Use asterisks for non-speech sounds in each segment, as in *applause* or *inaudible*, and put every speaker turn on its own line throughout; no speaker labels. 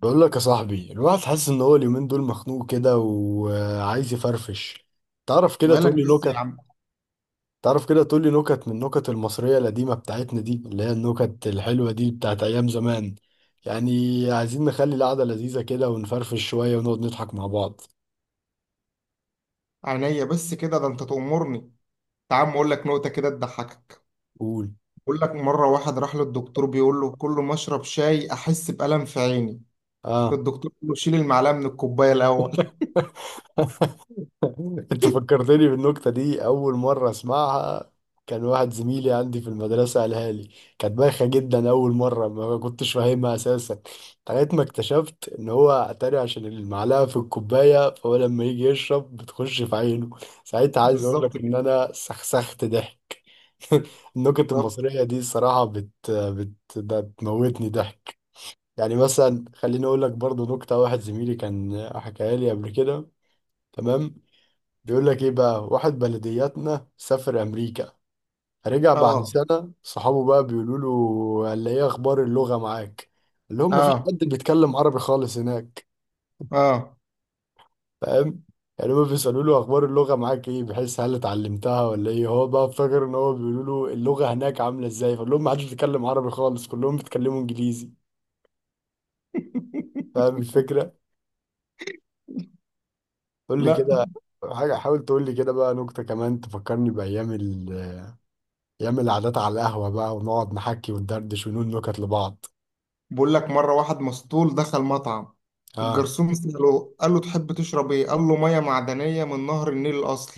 بقول لك يا صاحبي، الواحد حاسس ان هو اليومين دول مخنوق كده وعايز يفرفش. تعرف كده،
مالك
تقول لي
بس يا
نكت.
عم؟
تعرف كده تقول لي نكت من النكت المصرية القديمة بتاعتنا دي، اللي هي النكت الحلوة دي بتاعت ايام زمان. يعني عايزين نخلي القعدة لذيذة كده ونفرفش شوية ونقعد نضحك مع بعض.
عينيا، بس كده ده انت تأمرني. تعال اقول لك نقطة كده تضحكك.
قول.
بقول لك مرة واحد راح للدكتور بيقول له: كل ما اشرب شاي احس بألم في عيني.
اه،
الدكتور بيقول له: شيل المعلقة من الكوباية الأول. *laughs*
انت فكرتني بالنكتة دي. اول مرة اسمعها كان واحد زميلي عندي في المدرسة قالها لي. كانت بايخة جدا، اول مرة ما كنتش فاهمها اساسا، لغاية ما اكتشفت ان هو اتاري عشان المعلقة في الكوباية، فهو لما يجي يشرب بتخش في عينه. ساعتها عايز اقول
بالظبط
لك ان
كده.
انا سخسخت ضحك. *laughs* النكت
بالظبط.
المصرية دي الصراحة ده بتموتني ضحك. يعني مثلا خليني اقول لك برضو نكتة واحد زميلي كان حكاها لي قبل كده. تمام. بيقول لك ايه بقى، واحد بلدياتنا سافر امريكا، رجع بعد
اه،
سنة. صحابه بقى بيقولوا له، قال لي ايه اخبار اللغة معاك؟ اللي هم مفيش
اه،
حد بيتكلم عربي خالص هناك،
اه.
فاهم؟ يعني هم بيسألوا له اخبار اللغة معاك ايه، بحيث هل اتعلمتها ولا ايه. هو بقى افتكر ان هو بيقولوا له اللغة هناك عاملة ازاي، فقال لهم محدش بيتكلم عربي خالص، كلهم بيتكلموا انجليزي. فاهم
*laughs*
الفكرة؟ قول لي
لا.
كده حاجة. حاول تقول لي كده بقى نكتة كمان تفكرني بأيام يعمل قعدات على القهوة بقى، ونقعد نحكي وندردش ونقول نكت لبعض.
بقول لك مرة واحد مسطول دخل مطعم.
اه.
الجرسون سأله، قال له: تحب تشرب ايه؟ قال له: مية معدنية من نهر النيل الأصل،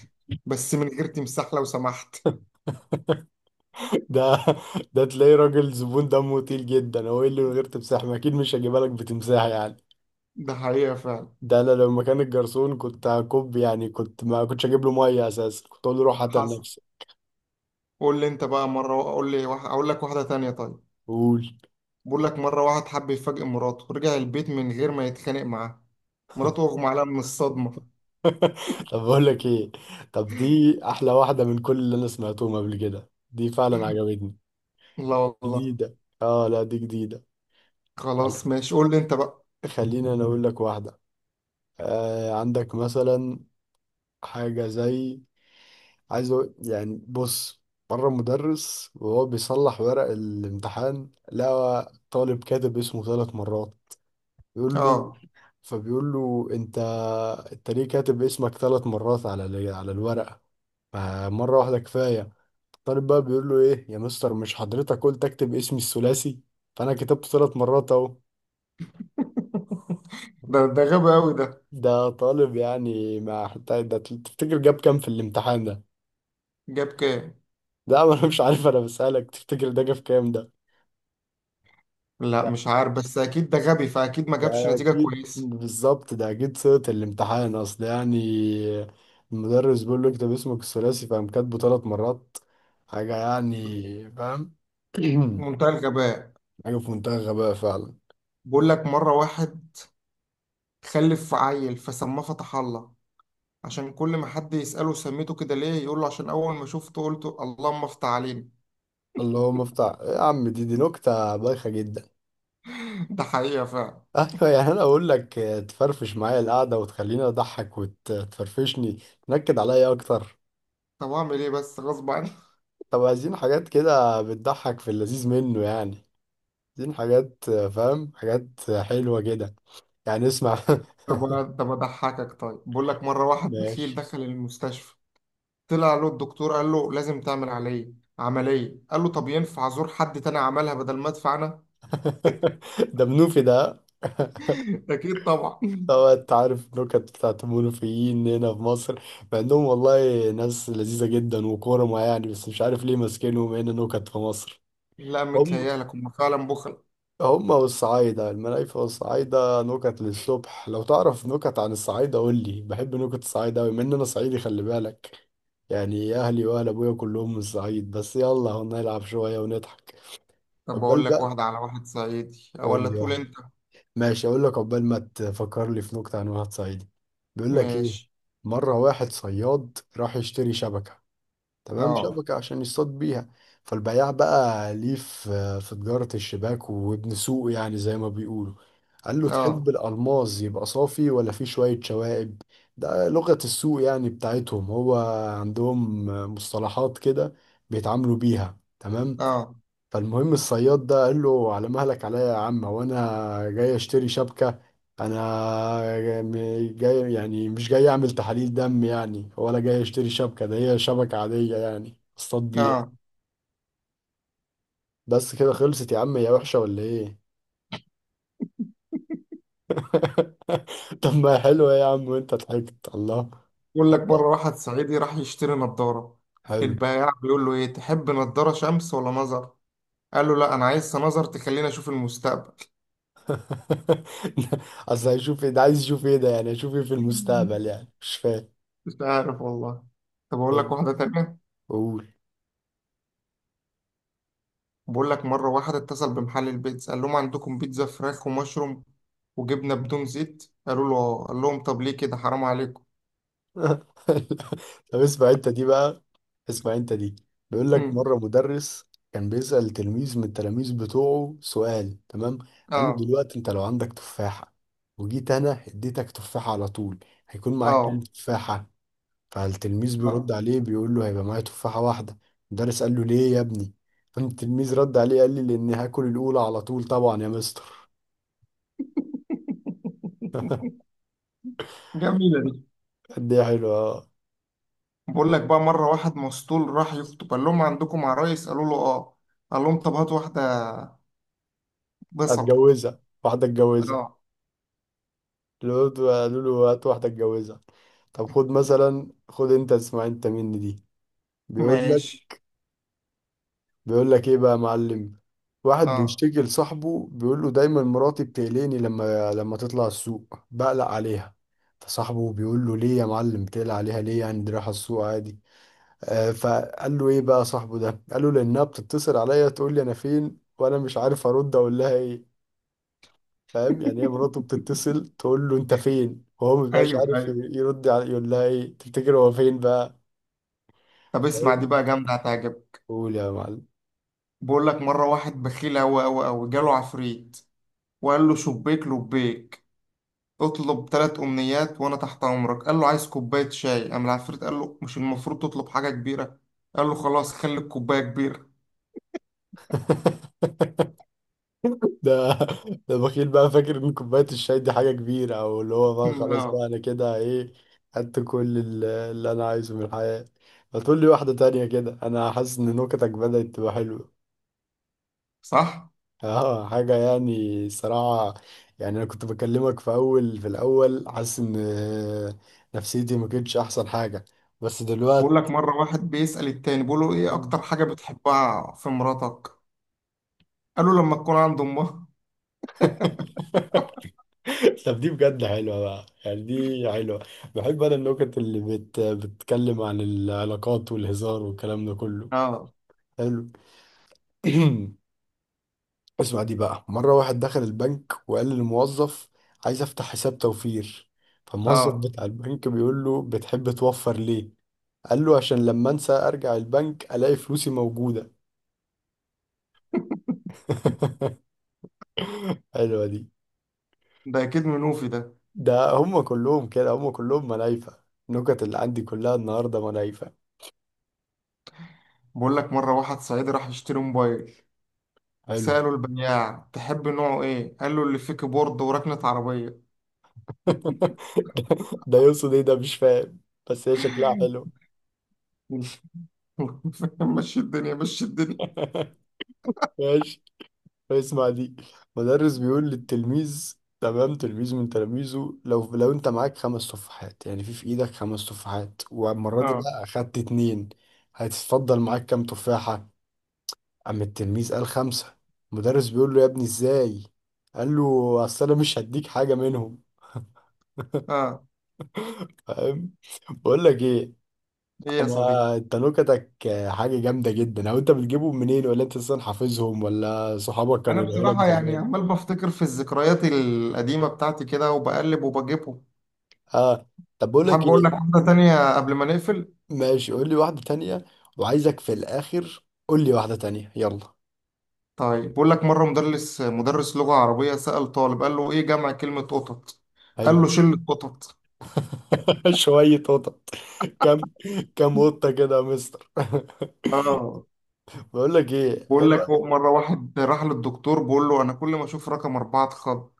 بس من غير تمساح لو سمحت.
ده *laughs* ده تلاقيه راجل زبون دمه تقيل جدا. هو ايه اللي من غير تمساح؟ ما اكيد مش هجيبها لك بتمساح يعني.
ده حقيقة فعلا.
ده انا لو مكان الجرسون كنت هكب. يعني كنت ما كنتش هجيب له ميه اساسا، كنت اقول له روح هات
حصل.
لنفسك.
قول لي انت بقى مره، اقول لي واحد اقول لك واحده تانية، طيب؟
قول.
بقول لك مره واحد حب يفاجئ مراته، رجع البيت من غير ما يتخانق معاها. مراته اغمى عليها من الصدمه.
*laughs* طب بقول لك ايه، طب دي احلى واحده من كل اللي انا سمعتهم قبل كده، دي فعلا عجبتني.
لا والله.
جديده، اه لا دي جديده.
خلاص ماشي، قول لي انت بقى.
خلينا انا اقول لك واحده. آه، عندك مثلا حاجه زي، عايز أقول يعني بص. مرة مدرس وهو بيصلح ورق الامتحان لقى طالب كاتب اسمه ثلاث مرات. بيقول له،
اه.
فبيقول له، انت ليه كاتب اسمك ثلاث مرات على على الورقة؟ فمرة واحدة كفاية. الطالب بقى بيقول له ايه يا مستر، مش حضرتك قلت اكتب اسمي الثلاثي؟ فانا كتبته ثلاث مرات اهو.
ده غبي قوي ده.
ده طالب، يعني ما حتى ده تفتكر جاب كام في الامتحان ده؟
جاب كام؟
ده انا مش عارف، انا بسألك تفتكر ده جاب كام ده.
لا، مش عارف، بس اكيد ده غبي فاكيد ما جابش
ده
نتيجه
أكيد
كويسه.
بالظبط، ده أكيد صيغة الامتحان أصل يعني. المدرس بيقول له اكتب اسمك الثلاثي فقام كاتبه ثلاث مرات. حاجة يعني، فاهم. *clears throat*
منتهى الغباء.
حاجة في منتهى الغباء فعلا.
بقول لك مره واحد خلف عيل فسماه فتح الله. عشان كل ما حد يسأله سميته كده ليه، يقول له: عشان أول ما شفته قلت اللهم افتح علينا.
اللي هو مفتاح يا عم، دي نكتة بايخة جدا.
*laughs* ده حقيقة فعلا.
*laughs* أيوة، يعني أنا أقول لك تفرفش معايا القعدة وتخليني أضحك وتفرفشني، تنكد عليا أكتر.
طب اعمل ايه بس؟ غصب عني.
طب عايزين حاجات كده بتضحك في اللذيذ منه يعني. عايزين حاجات، فاهم، حاجات حلوة كده، يعني اسمع. *laughs*
*laughs* طب اضحكك، طيب. بقول لك مره واحد بخيل
ماشي.
دخل المستشفى. طلع له الدكتور قال له: لازم تعمل عمليه. قال له: طب ينفع ازور حد تاني عملها بدل ما ادفع انا؟
*laughs* ده منوفي ده. *laughs*
*laughs* اكيد طبعا.
طبعا انت عارف نكت بتاعت المنوفيين هنا في مصر. مع انهم والله ناس لذيذة جدا وكرمة يعني، بس مش عارف ليه ماسكينهم هنا نكت في مصر.
لا،
هم
متهيألك هم فعلا بخل.
هم والصعايدة المنايفة والصعايدة نكت للصبح. لو تعرف نكت عن الصعايدة قول لي، بحب نكت الصعايدة أوي. من أنا صعيدي خلي بالك، يعني أهلي وأهل أبويا كلهم من الصعيد. بس يلا هنلعب شوية ونضحك.
طب
قبل
اقول لك
بقى
واحده على واحد صعيدي
قول
ولا
لي
تقول
واحدة.
انت؟
ماشي، اقول لك عقبال ما تفكر لي في نكته عن واحد صعيدي. بيقول لك ايه،
ماشي.
مره واحد صياد راح يشتري شبكه. تمام،
اه،
شبكه عشان يصطاد بيها. فالبياع بقى ليه في تجاره الشباك، وابن سوق يعني زي ما بيقولوا، قال له تحب
اه،
الالماس يبقى صافي ولا فيه شويه شوائب. ده لغه السوق يعني بتاعتهم، هو عندهم مصطلحات كده بيتعاملوا بيها. تمام.
اه،
فالمهم الصياد ده قال له على مهلك عليا يا عم، وانا جاي اشتري شبكة. انا جاي يعني، مش جاي اعمل تحاليل دم يعني ولا جاي اشتري شبكة، ده هي شبكة عادية يعني اصطاد بيها
اه.
بس كده. خلصت يا عم، هي وحشة ولا ايه؟ *laughs* طب ما هي حلوة يا عم، وانت ضحكت الله.
بقول لك مره
حتى
واحد صعيدي راح يشتري نظاره.
حلو.
البياع بيقول له: ايه، تحب نظاره شمس ولا نظر؟ قال له: لا، انا عايز سنظر تخليني اشوف المستقبل.
*laughs* اصل هيشوف ايه ده؟ عايز يشوف ايه ده؟ يعني هيشوف ايه في المستقبل؟
*laughs*
يعني مش فاهم.
مش عارف والله. طب اقول لك
حلو،
واحده تانية.
قول.
بقول لك مره واحد اتصل بمحل البيتزا، قال لهم: عندكم بيتزا فراخ ومشروم وجبنه بدون زيت؟ قالوا له: اه. قال لهم: طب ليه كده، حرام عليكم.
*laughs* طب اسمع انت دي بقى، اسمع انت دي. بيقول لك
امم.
مرة مدرس كان بيسأل تلميذ من التلاميذ بتوعه سؤال. تمام. قال له
اه،
دلوقتي انت لو عندك تفاحة، وجيت انا اديتك تفاحة على طول، هيكون معاك كام
اه،
تفاحة؟ فالتلميذ بيرد
اه.
عليه بيقول له هيبقى معايا تفاحة واحدة. المدرس قال له ليه يا ابني؟ التلميذ رد عليه قال لي لاني هاكل الاولى على طول طبعا يا مستر.
جميله دي.
قد ايه حلوة، اه.
بقول لك بقى مره واحد مسطول راح يخطب، قال لهم: عندكم عرايس؟ قالوا له: اه. قال لهم: طب هات واحده. بصل.
هتجوزها؟ واحدة اتجوزها،
اه.
لقيت قالوا له هات واحدة اتجوزها. طب خد مثلا، خد انت اسمع انت مني دي. بيقول لك
ماشي.
بيقول لك ايه بقى يا معلم. واحد
اه.
بيشتكي لصاحبه بيقول له دايما مراتي بتقلقني، لما تطلع السوق بقلق عليها. فصاحبه بيقول له ليه يا معلم بتقلق عليها ليه يعني، دي رايحة السوق عادي. آه، فقال له ايه بقى صاحبه ده، قال له لانها بتتصل عليا تقول لي انا فين، وانا مش عارف ارد اقول لها ايه. فاهم يعني، هي مراته بتتصل تقول له انت فين، وهو ما بيبقاش
ايوه،
عارف
ايوه.
يرد على يقول لها ايه. تفتكر هو فين بقى؟
طب اسمع دي
فاهم.
بقى، جامده، هتعجبك.
قول يا معلم.
بقول لك مرة واحد بخيل أوي أوي أوي جاله عفريت وقال له: شبيك لبيك، اطلب 3 أمنيات وأنا تحت أمرك. قال له: عايز كوباية شاي. قام العفريت قال له: مش المفروض تطلب حاجة كبيرة؟ قال له: خلاص خلي الكوباية كبيرة.
*laughs* ده ده بخيل بقى، فاكر ان كوبايه الشاي دي حاجه كبيره. او اللي هو بقى
*laughs*
خلاص
آه.
بقى انا كده ايه، خدت كل اللي انا عايزه من الحياه. ما تقول لي واحده تانية كده، انا حاسس ان نكتك بدأت تبقى حلوه.
صح.
اه حاجة يعني صراحة، يعني انا كنت بكلمك في الاول حاسس ان نفسيتي ما كانتش احسن حاجة، بس
بقول لك
دلوقتي.
مرة واحد بيسأل التاني بيقول له: إيه أكتر
*laughs*
حاجة بتحبها في مراتك؟ قال له: لما تكون عند أمها.
طب دي بجد حلوة بقى، يعني دي حلوة. بحب انا النكت اللي بتتكلم عن العلاقات والهزار والكلام ده كله.
آه،
حلو. *clears throat* اسمع دي بقى. مرة واحد دخل البنك وقال للموظف عايز افتح حساب توفير. فالموظف
آه.
بتاع البنك بيقول له بتحب توفر ليه؟ قال له عشان لما انسى ارجع البنك الاقي فلوسي موجودة. *laughs* حلوة دي.
ده أكيد منوفي ده.
ده هم كلهم كده، هم كلهم ملايفة. النكت اللي عندي كلها النهاردة ملايفة.
بقول لك مرة واحد صعيدي راح يشتري موبايل.
حلو.
سألوا البياع: تحب نوعه إيه؟ قال له: اللي فيه كيبورد وركنة عربية.
*laughs* ده، ده يقصد ايه ده؟ مش فاهم. بس هي شكلها حلو.
*laughs* مشي الدنيا، مشي الدنيا.
ماشي، اسمع دي. مدرس بيقول للتلميذ، تمام، تلميذ من تلاميذه، لو انت معاك خمس تفاحات، يعني في ايدك خمس تفاحات، والمرة دي
آه،
بقى اخدت اتنين، هتتفضل معاك كام تفاحة؟ قام التلميذ قال خمسة. المدرس بيقول له يا ابني ازاي؟ قال له اصل انا مش هديك حاجة منهم.
آه.
فاهم؟ *laughs* بقول لك ايه،
إيه يا صديقي؟
انا انت نكتك حاجة جامدة جدا. او انت بتجيبهم منين، ولا انت اصلا حافظهم، ولا صحابك
أنا
كانوا قالوا لك
بصراحة يعني
زمان؟
عمال بفتكر في الذكريات القديمة بتاعتي كده وبقلب وبجيبهم.
اه. طب بقول لك
حابب أقول لك
ايه،
حاجة تانية قبل ما نقفل.
ماشي قول لي واحدة تانية، وعايزك في الاخر قول لي واحدة تانية يلا.
طيب بقول لك مرة مدرس لغة عربية سأل طالب، قال له: إيه جمع كلمة قطط؟ قال
حلو.
له: شلة قطط.
*laughs* شوية قطط، كم، كم قطة
*laughs*
كده يا مستر. *laughs*
آه.
بقول لك ايه، ايه
بقول لك
رأيك؟
مرة واحد راح للدكتور بقول له: أنا كل ما أشوف رقم 4 أتخض.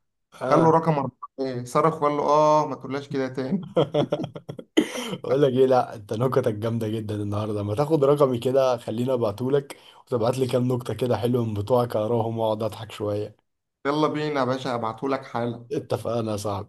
قال له:
اه.
رقم 4 ايه، صرخ وقال له: اه، ما تقولهاش كده تاني.
*laughs* بقول لك ايه، لا انت نكتك جامده جدا النهارده، ما تاخد رقمي كده خليني ابعتهولك، وتبعت لي كام نكته كده حلوه من بتوعك اقراهم واقعد اضحك شويه.
يلا بينا يا باشا، هبعتهولك حالا.
اتفقنا يا صاحبي.